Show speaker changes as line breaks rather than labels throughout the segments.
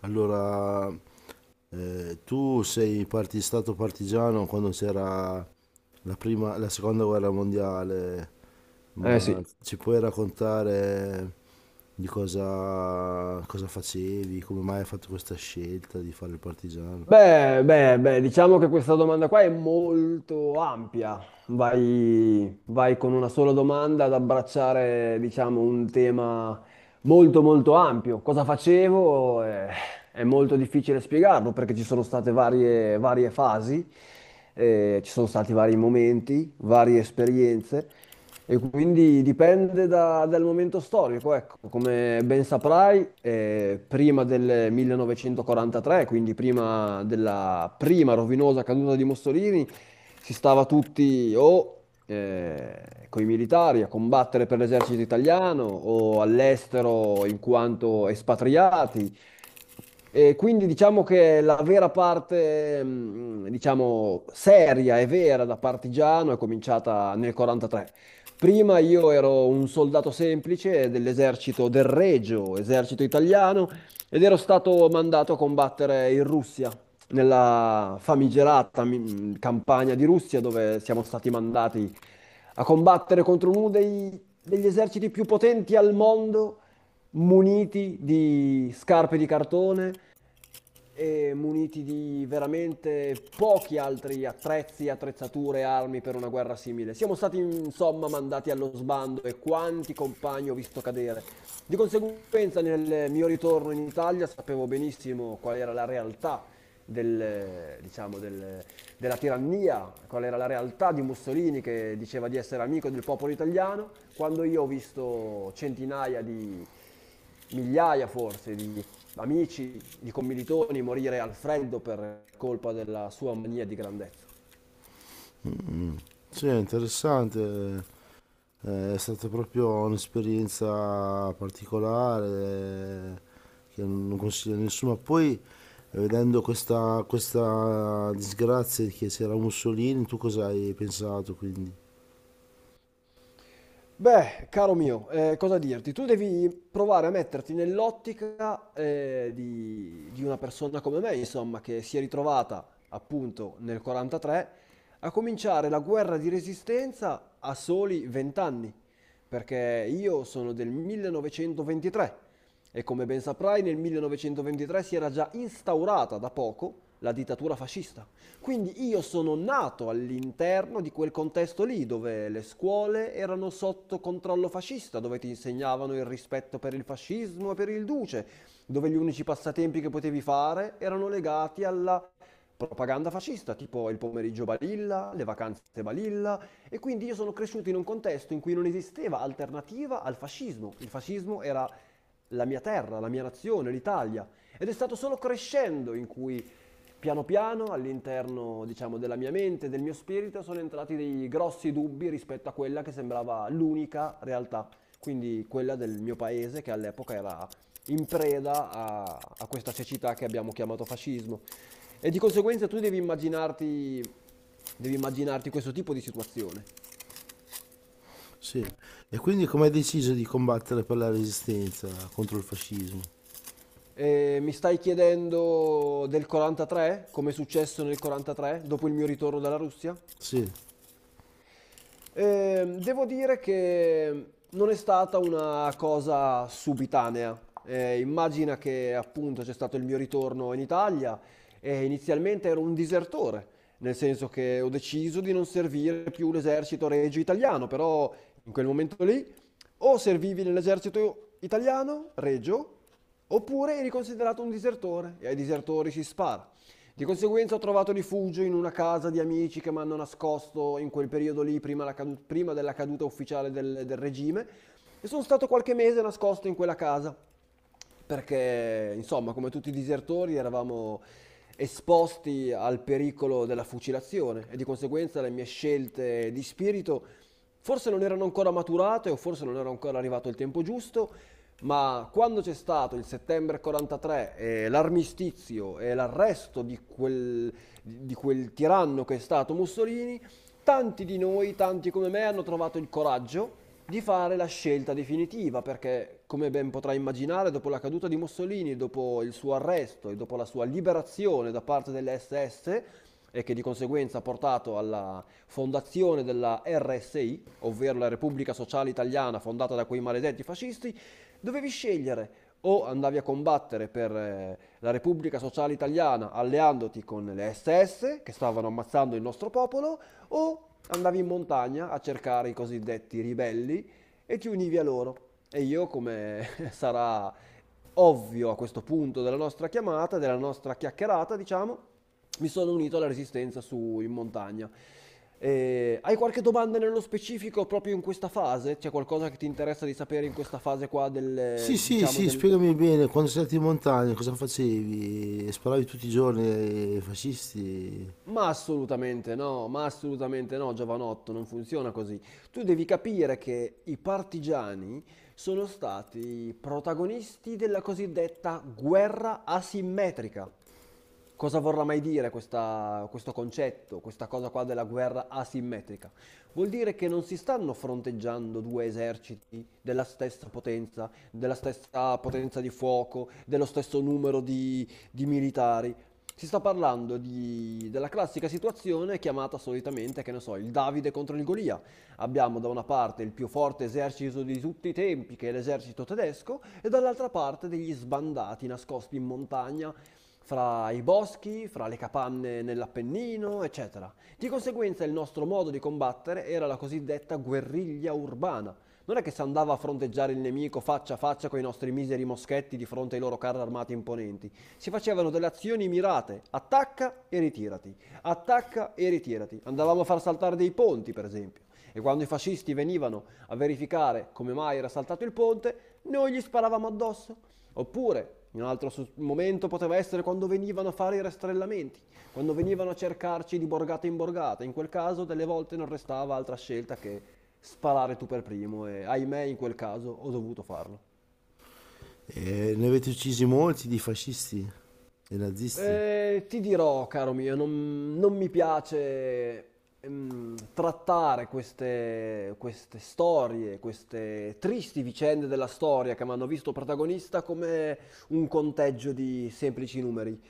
Allora, tu stato partigiano quando c'era la seconda guerra mondiale,
Eh
ma
sì.
ci puoi raccontare di cosa facevi, come mai hai fatto questa scelta di fare il partigiano?
Beh, diciamo che questa domanda qua è molto ampia. Vai con una sola domanda ad abbracciare, diciamo, un tema molto molto ampio. Cosa facevo? È molto difficile spiegarlo perché ci sono state varie fasi, ci sono stati vari momenti, varie esperienze. E quindi dipende dal momento storico, ecco. Come ben saprai, prima del 1943, quindi prima della prima rovinosa caduta di Mussolini, si stava tutti o coi militari a combattere per l'esercito italiano o all'estero in quanto espatriati. E quindi diciamo che la vera parte, diciamo, seria e vera da partigiano è cominciata nel 43. Prima io ero un soldato semplice dell'esercito del Regio, esercito italiano, ed ero stato mandato a combattere in Russia, nella famigerata campagna di Russia, dove siamo stati mandati a combattere contro uno degli eserciti più potenti al mondo muniti di scarpe di cartone, e muniti di veramente pochi altri attrezzi, attrezzature, armi per una guerra simile. Siamo stati insomma mandati allo sbando e quanti compagni ho visto cadere. Di conseguenza, nel mio ritorno in Italia sapevo benissimo qual era la realtà del, diciamo, della tirannia, qual era la realtà di Mussolini che diceva di essere amico del popolo italiano, quando io ho visto centinaia di migliaia forse di amici di commilitoni morire al freddo per colpa della sua mania di grandezza.
Sì, è interessante. È stata proprio un'esperienza particolare, che non consiglio a nessuno. Ma poi, vedendo questa disgrazia che c'era Mussolini, tu cosa hai pensato quindi?
Beh, caro mio, cosa dirti? Tu devi provare a metterti nell'ottica di una persona come me, insomma, che si è ritrovata appunto nel 43 a cominciare la guerra di resistenza a soli 20 anni, perché io sono del 1923 e come ben saprai nel 1923 si era già instaurata da poco la dittatura fascista. Quindi io sono nato all'interno di quel contesto lì, dove le scuole erano sotto controllo fascista, dove ti insegnavano il rispetto per il fascismo e per il duce, dove gli unici passatempi che potevi fare erano legati alla propaganda fascista, tipo il pomeriggio balilla, le vacanze balilla, e quindi io sono cresciuto in un contesto in cui non esisteva alternativa al fascismo. Il fascismo era la mia terra, la mia nazione, l'Italia. Ed è stato solo crescendo in cui piano piano, all'interno, diciamo, della mia mente, del mio spirito, sono entrati dei grossi dubbi rispetto a quella che sembrava l'unica realtà, quindi quella del mio paese che all'epoca era in preda a, a questa cecità che abbiamo chiamato fascismo. E di conseguenza tu devi immaginarti questo tipo di situazione.
Sì. E quindi come hai deciso di combattere per la resistenza contro il fascismo?
E mi stai chiedendo del 43, come è successo nel 43, dopo il mio ritorno dalla Russia?
Sì.
Devo dire che non è stata una cosa subitanea. Immagina che appunto c'è stato il mio ritorno in Italia e inizialmente ero un disertore, nel senso che ho deciso di non servire più l'esercito regio italiano, però in quel momento lì o servivi nell'esercito italiano, regio, oppure eri considerato un disertore e ai disertori si spara. Di conseguenza ho trovato rifugio in una casa di amici che mi hanno nascosto in quel periodo lì, prima, prima della caduta ufficiale del, del regime, e sono stato qualche mese nascosto in quella casa perché insomma, come tutti i disertori, eravamo esposti al pericolo della fucilazione e di conseguenza le mie scelte di spirito forse non erano ancora maturate o forse non era ancora arrivato il tempo giusto, ma quando c'è stato il settembre 43 e l'armistizio e l'arresto di quel tiranno che è stato Mussolini, tanti di noi, tanti come me, hanno trovato il coraggio di fare la scelta definitiva, perché come ben potrai immaginare, dopo la caduta di Mussolini, dopo il suo arresto e dopo la sua liberazione da parte delle SS, e che di conseguenza ha portato alla fondazione della RSI, ovvero la Repubblica Sociale Italiana fondata da quei maledetti fascisti, dovevi scegliere o andavi a combattere per la Repubblica Sociale Italiana alleandoti con le SS che stavano ammazzando il nostro popolo, o andavi in montagna a cercare i cosiddetti ribelli e ti univi a loro. E io, come sarà ovvio a questo punto della nostra chiamata, della nostra chiacchierata, diciamo, mi sono unito alla resistenza su in montagna. Hai qualche domanda nello specifico proprio in questa fase? C'è qualcosa che ti interessa di sapere in questa fase qua del,
Sì, sì,
diciamo,
sì,
del...
spiegami bene, quando sei andato in montagna cosa facevi? Sparavi tutti i giorni ai fascisti?
Ma assolutamente no, giovanotto, non funziona così. Tu devi capire che i partigiani sono stati protagonisti della cosiddetta guerra asimmetrica. Cosa vorrà mai dire questo concetto, questa cosa qua della guerra asimmetrica? Vuol dire che non si stanno fronteggiando due eserciti della stessa potenza di fuoco, dello stesso numero di militari. Si sta parlando della classica situazione chiamata solitamente, che ne so, il Davide contro il Golia. Abbiamo da una parte il più forte esercito di tutti i tempi, che è l'esercito tedesco, e dall'altra parte degli sbandati nascosti in montagna, fra i boschi, fra le capanne nell'Appennino, eccetera. Di conseguenza il nostro modo di combattere era la cosiddetta guerriglia urbana. Non è che si andava a fronteggiare il nemico faccia a faccia con i nostri miseri moschetti di fronte ai loro carri armati imponenti. Si facevano delle azioni mirate, attacca e ritirati, attacca e ritirati. Andavamo a far saltare dei ponti, per esempio. E quando i fascisti venivano a verificare come mai era saltato il ponte, noi gli sparavamo addosso. Oppure, in un altro momento poteva essere quando venivano a fare i rastrellamenti, quando venivano a cercarci di borgata in borgata. In quel caso, delle volte non restava altra scelta che sparare tu per primo e ahimè in quel caso ho dovuto farlo.
E ne avete uccisi molti di fascisti e nazisti.
Ti dirò, caro mio, non mi piace trattare queste storie, queste tristi vicende della storia che mi hanno visto protagonista come un conteggio di semplici numeri,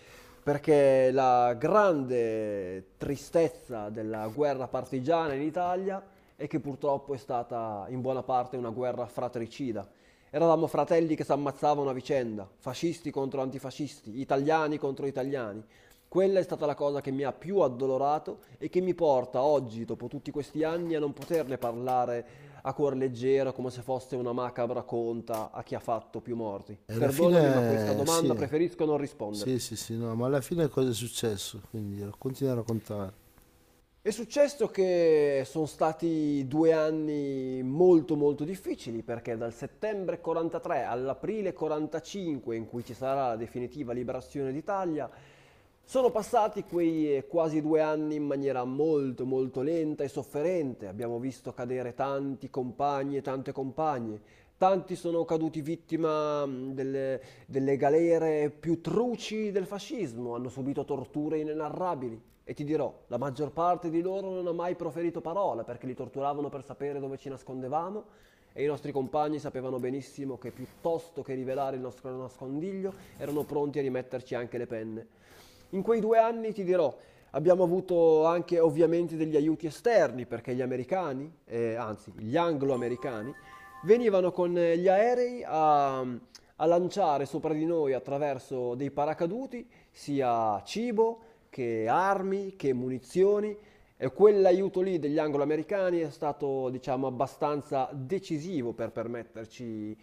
perché la grande tristezza della guerra partigiana in Italia è che purtroppo è stata in buona parte una guerra fratricida. Eravamo fratelli che si ammazzavano a vicenda, fascisti contro antifascisti, italiani contro italiani. Quella è stata la cosa che mi ha più addolorato e che mi porta oggi, dopo tutti questi anni, a non poterne parlare a cuor leggero come se fosse una macabra conta a chi ha fatto più morti.
E alla
Perdonami, ma questa
fine, sì,
domanda preferisco non
sì,
risponderti.
sì, sì, no, ma alla fine cosa è successo? Quindi continua a raccontare.
È successo che sono stati due anni molto molto difficili perché dal settembre 43 all'aprile 45 in cui ci sarà la definitiva liberazione d'Italia sono passati quei quasi due anni in maniera molto molto lenta e sofferente. Abbiamo visto cadere tanti compagni e tante compagne. Tanti sono caduti vittima delle galere più truci del fascismo, hanno subito torture inenarrabili. E ti dirò, la maggior parte di loro non ha mai proferito parola perché li torturavano per sapere dove ci nascondevamo e i nostri compagni sapevano benissimo che piuttosto che rivelare il nostro nascondiglio erano pronti a rimetterci anche le penne. In quei due anni, ti dirò, abbiamo avuto anche ovviamente degli aiuti esterni perché gli americani, anzi gli anglo-americani, venivano con gli aerei a lanciare sopra di noi attraverso dei paracaduti sia cibo che armi che munizioni e quell'aiuto lì degli angloamericani è stato, diciamo, abbastanza decisivo per permetterci,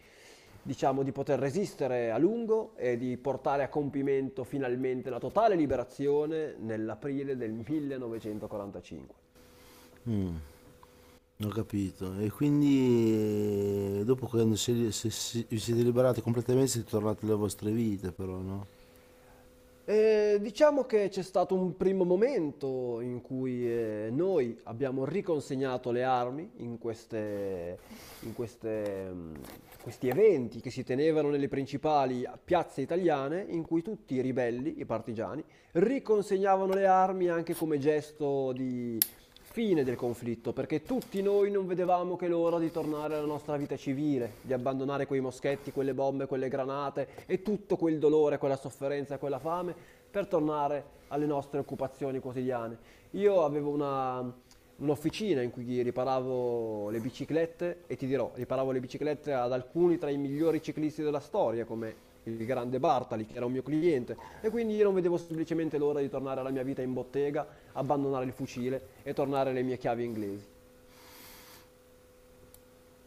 diciamo, di poter resistere a lungo e di portare a compimento finalmente la totale liberazione nell'aprile del 1945.
Mm, ho capito. E quindi dopo quando vi siete liberati completamente siete tornati alle vostre vite, però, no?
Diciamo che c'è stato un primo momento in cui noi abbiamo riconsegnato le armi in in queste, mm, questi eventi che si tenevano nelle principali piazze italiane, in cui tutti i ribelli, i partigiani, riconsegnavano le armi anche come gesto fine del conflitto, perché tutti noi non vedevamo che l'ora di tornare alla nostra vita civile, di abbandonare quei moschetti, quelle bombe, quelle granate e tutto quel dolore, quella sofferenza e quella fame per tornare alle nostre occupazioni quotidiane. Io avevo un'officina in cui riparavo le biciclette e ti dirò, riparavo le biciclette ad alcuni tra i migliori ciclisti della storia, come il grande Bartali, che era un mio cliente, e quindi io non vedevo semplicemente l'ora di tornare alla mia vita in bottega abbandonare il fucile e tornare alle mie chiavi inglesi.